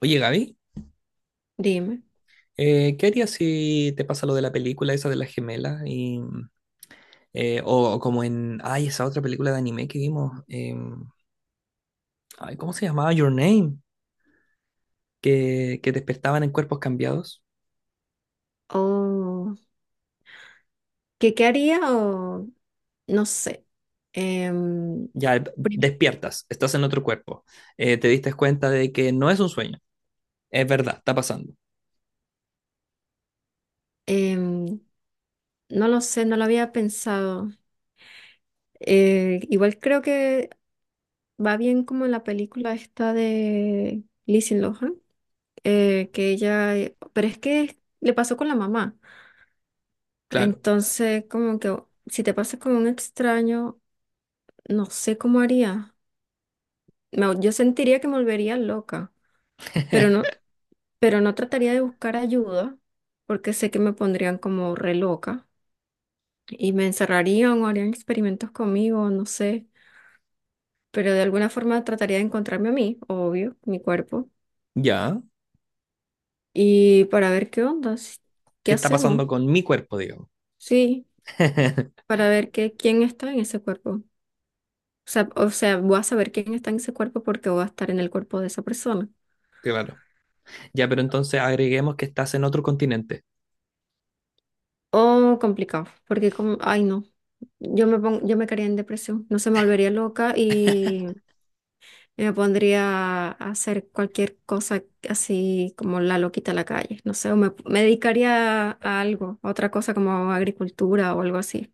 Oye, Gaby, Dime. ¿Qué harías si te pasa lo de la película esa de las gemelas? Y, o como en, ay, esa otra película de anime que vimos, ay, ¿cómo se llamaba? Your Name, que despertaban en cuerpos cambiados. O ¿qué, qué haría? O no sé. Em, Ya, prim- despiertas, estás en otro cuerpo. Te diste cuenta de que no es un sueño, es verdad, está pasando. em, no lo sé, no lo había pensado. Igual creo que va bien como en la película esta de Lindsay Lohan, que ella, pero es que le pasó con la mamá. Claro. Entonces, como que si te pasa con un extraño, no sé cómo haría. Yo sentiría que me volvería loca, pero no, pero no trataría de buscar ayuda porque sé que me pondrían como re loca y me encerrarían o harían experimentos conmigo, no sé, pero de alguna forma trataría de encontrarme a mí, obvio, mi cuerpo, Ya, y para ver qué onda, qué ¿qué está pasando hacemos, con mi cuerpo, digamos? sí, para ver qué, quién está en ese cuerpo. O sea, voy a saber quién está en ese cuerpo porque voy a estar en el cuerpo de esa persona. Claro. Ya, pero entonces agreguemos que estás en otro continente. Oh, complicado, porque como, ay no, yo me caería en depresión, no se me volvería loca. Yo me pondría a hacer cualquier cosa así como la loquita a la calle, no sé, me dedicaría a algo, a otra cosa como agricultura o algo así.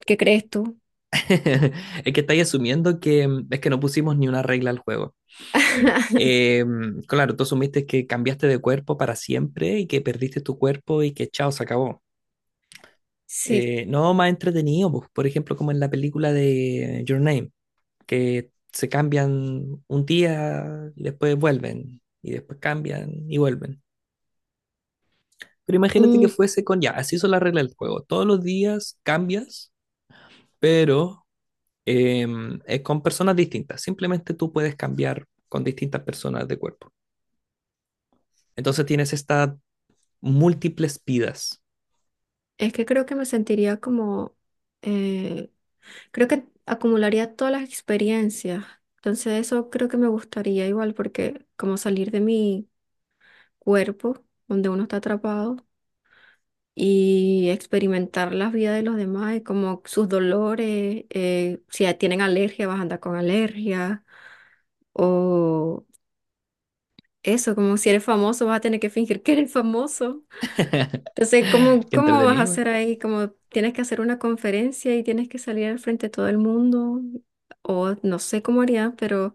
¿Qué crees tú? Es que estáis asumiendo que es que no pusimos ni una regla al juego. Eh, claro, tú asumiste que cambiaste de cuerpo para siempre y que perdiste tu cuerpo y que chao, se acabó. Sí, No, más entretenido, pues, por ejemplo, como en la película de Your Name, que se cambian un día y después vuelven, y después cambian y vuelven. Pero imagínate mm, que fuese con ya, así son las reglas del juego. Todos los días cambias, pero con personas distintas. Simplemente tú puedes cambiar con distintas personas de cuerpo. Entonces tienes estas múltiples vidas. es que creo que me sentiría como, eh, creo que acumularía todas las experiencias, entonces eso creo que me gustaría igual porque como salir de mi cuerpo, donde uno está atrapado y experimentar la vida de los demás, y como sus dolores, si ya tienen alergia, vas a andar con alergia, o eso, como si eres famoso, vas a tener que fingir que eres famoso. Entonces, ¿cómo, Qué cómo vas a entretenido, güey. hacer ahí? Como tienes que hacer una conferencia y tienes que salir al frente de todo el mundo, o no sé cómo haría, pero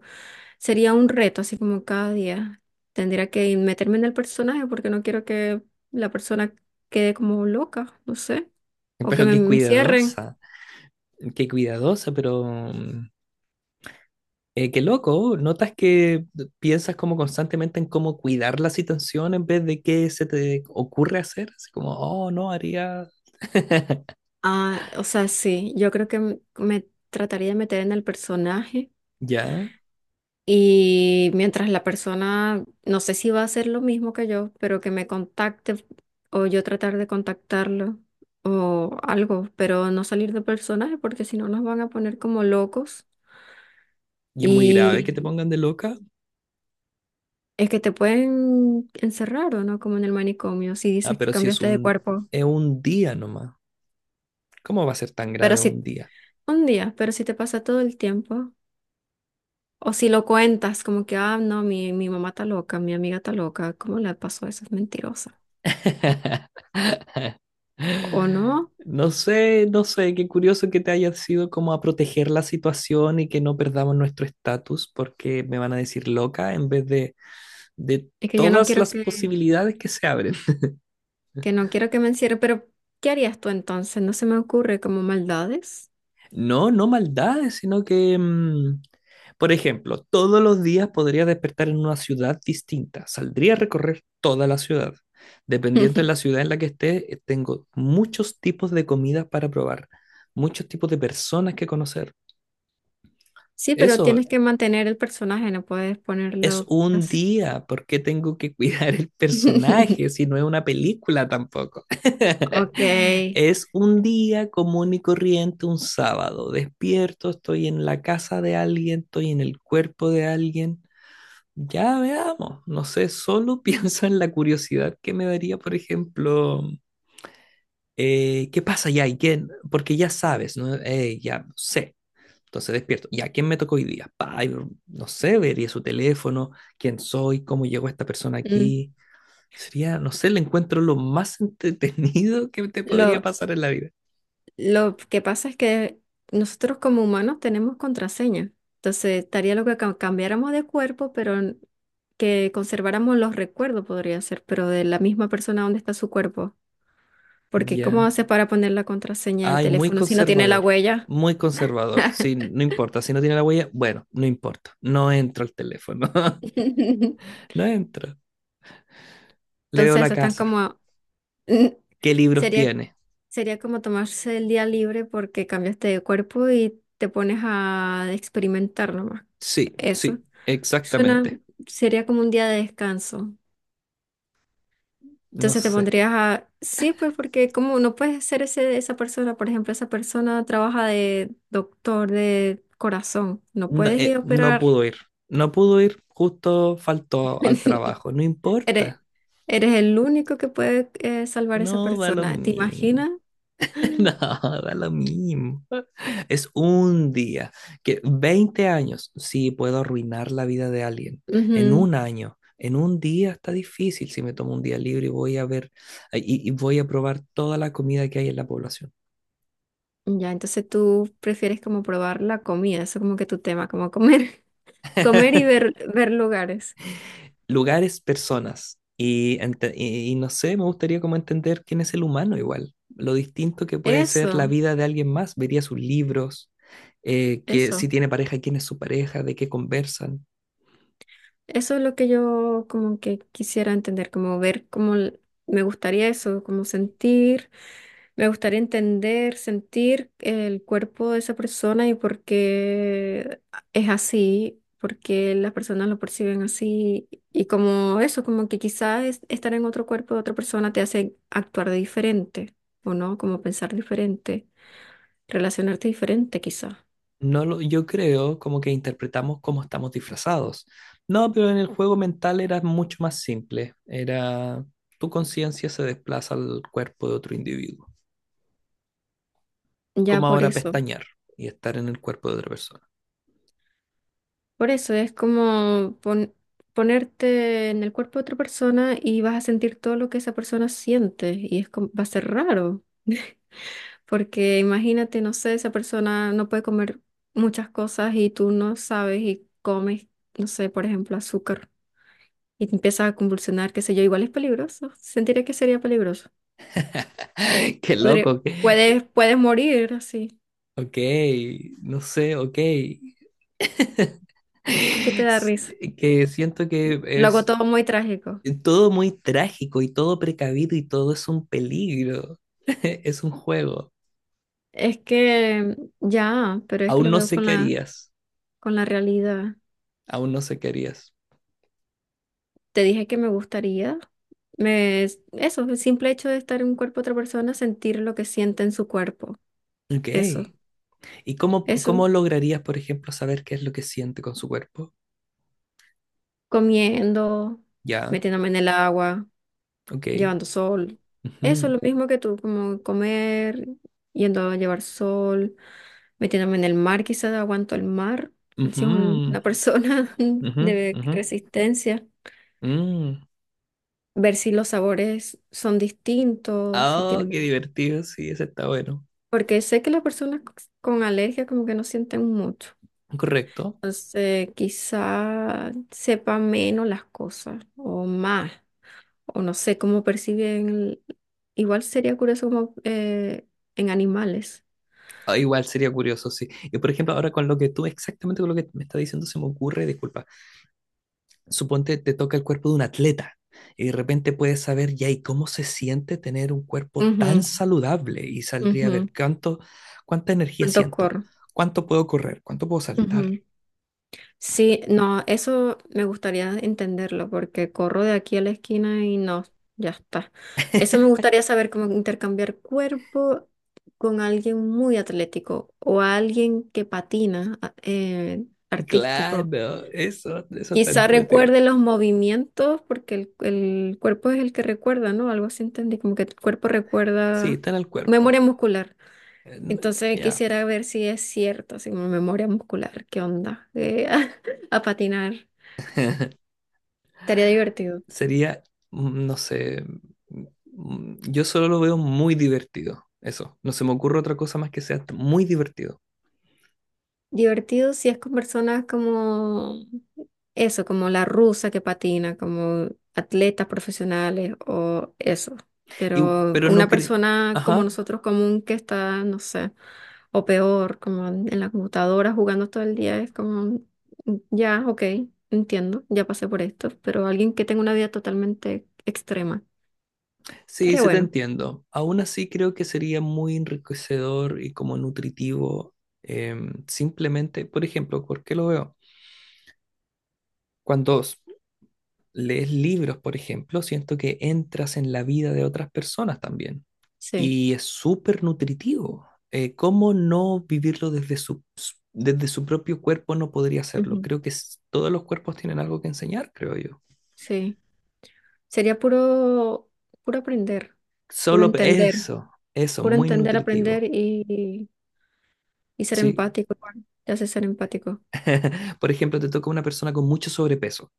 sería un reto, así como cada día. Tendría que meterme en el personaje porque no quiero que la persona quede como loca, no sé, o que Pero me encierren. Qué cuidadosa, pero qué loco. Notas que piensas como constantemente en cómo cuidar la situación en vez de qué se te ocurre hacer. Así como, oh, no, haría Ah, o sea, sí, yo creo que me trataría de meter en el personaje. ya. Y mientras la persona, no sé si va a hacer lo mismo que yo, pero que me contacte o yo tratar de contactarlo o algo, pero no salir de personaje porque si no nos van a poner como locos. Y es muy grave Y que te pongan de loca. es que te pueden encerrar o no, como en el manicomio, si Ah, dices que pero si es cambiaste de un, cuerpo. es un día nomás. ¿Cómo va a ser tan Pero grave si un día? un día, pero si te pasa todo el tiempo, o si lo cuentas como que, ah, no, mi mamá está loca, mi amiga está loca, ¿cómo le pasó eso? Es mentirosa. O no, No sé, no sé, qué curioso que te haya sido como a proteger la situación y que no perdamos nuestro estatus porque me van a decir loca en vez de es que yo no todas quiero las posibilidades que se abren. que no quiero que me encierre, pero ¿qué harías tú entonces? No se me ocurre como maldades. No, no maldades, sino que, por ejemplo, todos los días podría despertar en una ciudad distinta. Saldría a recorrer toda la ciudad. Dependiendo de la ciudad en la que esté, tengo muchos tipos de comidas para probar, muchos tipos de personas que conocer. Sí, pero Eso. tienes que mantener el personaje, no puedes Es ponerlo un así. día, ¿por qué tengo que cuidar el personaje si no es una película tampoco? Ok. Es un día común y corriente, un sábado. Despierto, estoy en la casa de alguien, estoy en el cuerpo de alguien. Ya veamos, no sé, solo pienso en la curiosidad que me daría, por ejemplo, ¿qué pasa ya? ¿Y quién? Porque ya sabes, ¿no? Ya no sé. Entonces despierto. ¿Y a quién me tocó hoy día? Pa, no sé, vería su teléfono, quién soy, cómo llegó esta persona Mm. aquí. Sería, no sé, el encuentro lo más entretenido que te podría Lo, pasar en la vida. lo que pasa es que nosotros como humanos tenemos contraseña. Entonces, estaría lo que cambiáramos de cuerpo, pero que conserváramos los recuerdos podría ser, pero de la misma persona donde está su cuerpo. Porque ¿cómo Ya. haces para poner la contraseña del Ay, muy teléfono si no tiene la conservador. huella? Muy conservador. Sí, no importa. Si no tiene la huella, bueno, no importa. No entro al teléfono. No entro. Le veo la Entonces están casa. como, ¿Qué libros sería, tiene? sería como tomarse el día libre porque cambiaste de cuerpo y te pones a experimentar nomás. Sí, Eso. sí, Suena, exactamente. sería como un día de descanso. No Entonces te sé. pondrías a, sí, pues porque como no puedes ser ese, esa persona, por ejemplo, esa persona trabaja de doctor de corazón, no No, puedes ir a no operar. pudo ir. No pudo ir, justo faltó al trabajo. No Eres, importa. eres el único que puede salvar a esa No da lo persona. ¿Te mismo. imaginas? No, da lo mismo. Es un día. Que 20 años, sí, puedo arruinar la vida de alguien. En Ujú. un año, en un día está difícil si me tomo un día libre y voy a ver y voy a probar toda la comida que hay en la población. Ya, entonces tú prefieres como probar la comida, eso como que tu tema, como comer, comer y ver, ver lugares. Lugares, personas. Y no sé, me gustaría como entender quién es el humano igual, lo distinto que puede ser la Eso, vida de alguien más. Vería sus libros, que si eso. tiene pareja, quién es su pareja, de qué conversan. Eso es lo que yo como que quisiera entender, como ver cómo me gustaría eso, como sentir, me gustaría entender, sentir el cuerpo de esa persona y por qué es así, por qué las personas lo perciben así y como eso, como que quizás estar en otro cuerpo de otra persona te hace actuar de diferente, ¿o no? Como pensar diferente, relacionarte diferente quizás. No lo, yo creo como que interpretamos cómo estamos disfrazados. No, pero en el juego mental era mucho más simple. Era tu conciencia se desplaza al cuerpo de otro individuo. Ya Como por ahora eso. pestañear y estar en el cuerpo de otra persona. Por eso es como ponerte en el cuerpo de otra persona y vas a sentir todo lo que esa persona siente y es va a ser raro, porque imagínate, no sé, esa persona no puede comer muchas cosas y tú no sabes y comes, no sé, por ejemplo, azúcar y te empiezas a convulsionar, qué sé yo, igual es peligroso, sentiré que sería peligroso. Qué Podría- loco. puedes, puedes morir así, Ok, no sé, ok. ¿qué te da S- risa? Que siento que Lo hago es todo muy trágico. todo muy trágico y todo precavido y todo es un peligro. Es un juego. Es que ya, pero es que Aún lo no veo sé qué harías. con la realidad. Aún no sé qué harías. Te dije que me gustaría, me, eso, el simple hecho de estar en un cuerpo de otra persona, sentir lo que siente en su cuerpo. Ok. Eso, ¿Y cómo eso, lograrías, por ejemplo, saber qué es lo que siente con su cuerpo? comiendo, Ya, metiéndome en el agua, ok. llevando sol. Eso, lo mismo que tú, como comer, yendo a llevar sol, metiéndome en el mar, quizás aguanto el mar, Ujú, si es ujú, una persona ujú, de ujú, resistencia, mm. ver si los sabores son distintos, si Ah, tienen. qué divertido, sí, ese está bueno. Porque sé que las personas con alergia como que no sienten mucho. Correcto. Quizá sepan menos las cosas o más, o no sé cómo perciben. Igual sería curioso como en animales. Ah, igual sería curioso, sí. Y por ejemplo, ahora con lo que tú, exactamente con lo que me está diciendo, se me ocurre, disculpa, suponte te toca el cuerpo de un atleta y de repente puedes saber ya y cómo se siente tener un cuerpo tan Ujú, saludable y saldría a ver ujú. cuánto, cuánta energía ¿Cuánto siento, corro? cuánto puedo correr, cuánto puedo saltar. Sí, no, eso me gustaría entenderlo porque corro de aquí a la esquina y no, ya está. Eso me gustaría saber cómo intercambiar cuerpo con alguien muy atlético o alguien que patina artístico. Claro, eso está Quizá entretenido. recuerde los movimientos porque el cuerpo es el que recuerda, ¿no? Algo así entendí, como que el cuerpo Sí, recuerda está en el cuerpo. memoria muscular. Entonces Ya. quisiera ver si es cierto, así como memoria muscular, ¿qué onda? A patinar. Estaría divertido. Sería, no sé, yo solo lo veo muy divertido. Eso, no se me ocurre otra cosa más que sea muy divertido. Divertido si es con personas como eso, como la rusa que patina, como atletas profesionales o eso. Y, Pero pero no una creo. persona como Ajá, nosotros común que está, no sé, o peor, como en la computadora jugando todo el día, es como, ya, ok, entiendo, ya pasé por esto, pero alguien que tenga una vida totalmente extrema. sí, Estaría sí te bueno, entiendo. Aún así creo que sería muy enriquecedor y como nutritivo. Simplemente, por ejemplo, ¿por qué lo veo? Cuando lees libros, por ejemplo, siento que entras en la vida de otras personas también. sí, Y es súper nutritivo. ¿Cómo no vivirlo desde su propio cuerpo no podría hacerlo? ujú, Creo que todos los cuerpos tienen algo que enseñar, creo yo. sí. Sería puro, puro aprender, puro Solo entender. eso, eso, Puro muy entender, aprender nutritivo. Y ser Sí. empático. Bueno, te hace ser empático. Por ejemplo, te toca una persona con mucho sobrepeso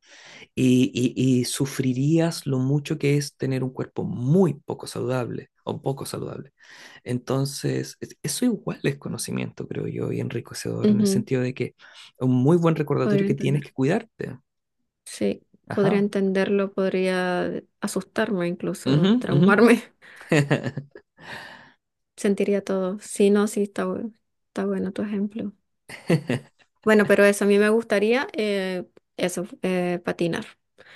y sufrirías lo mucho que es tener un cuerpo muy poco saludable o poco saludable. Entonces, eso igual es conocimiento, creo yo, y enriquecedor en el Ujú, sentido de que un muy buen recordatorio podría que tienes entender. que cuidarte. Sí, podría Ajá. entenderlo, podría asustarme incluso, Ujú, ujú. traumarme. Sentiría todo. Sí, no, sí, está, está bueno tu ejemplo. Bueno, pero eso, a mí me gustaría eso, patinar.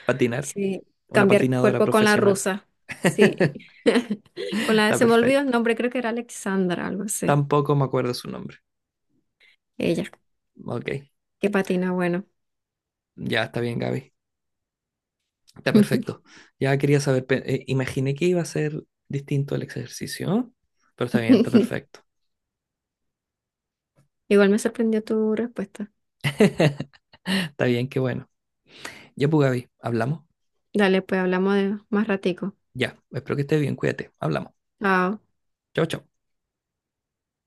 Patinar. Sí, Una cambiar patinadora cuerpo con la profesional. rusa. Sí. Con la, Está se me olvidó el perfecto. nombre, creo que era Alexandra, algo así. Tampoco me acuerdo su nombre. Ella, Ok. que patina, bueno. Ya está bien, Gaby. Está perfecto. Ya quería saber, imaginé que iba a ser distinto el ejercicio, pero está bien, está perfecto. Igual me sorprendió tu respuesta. Está bien, qué bueno. Ya, pues, Gaby, hablamos. Dale, pues hablamos de más ratico. Ya, espero que estés bien, cuídate, hablamos. Chao. Chau, chau.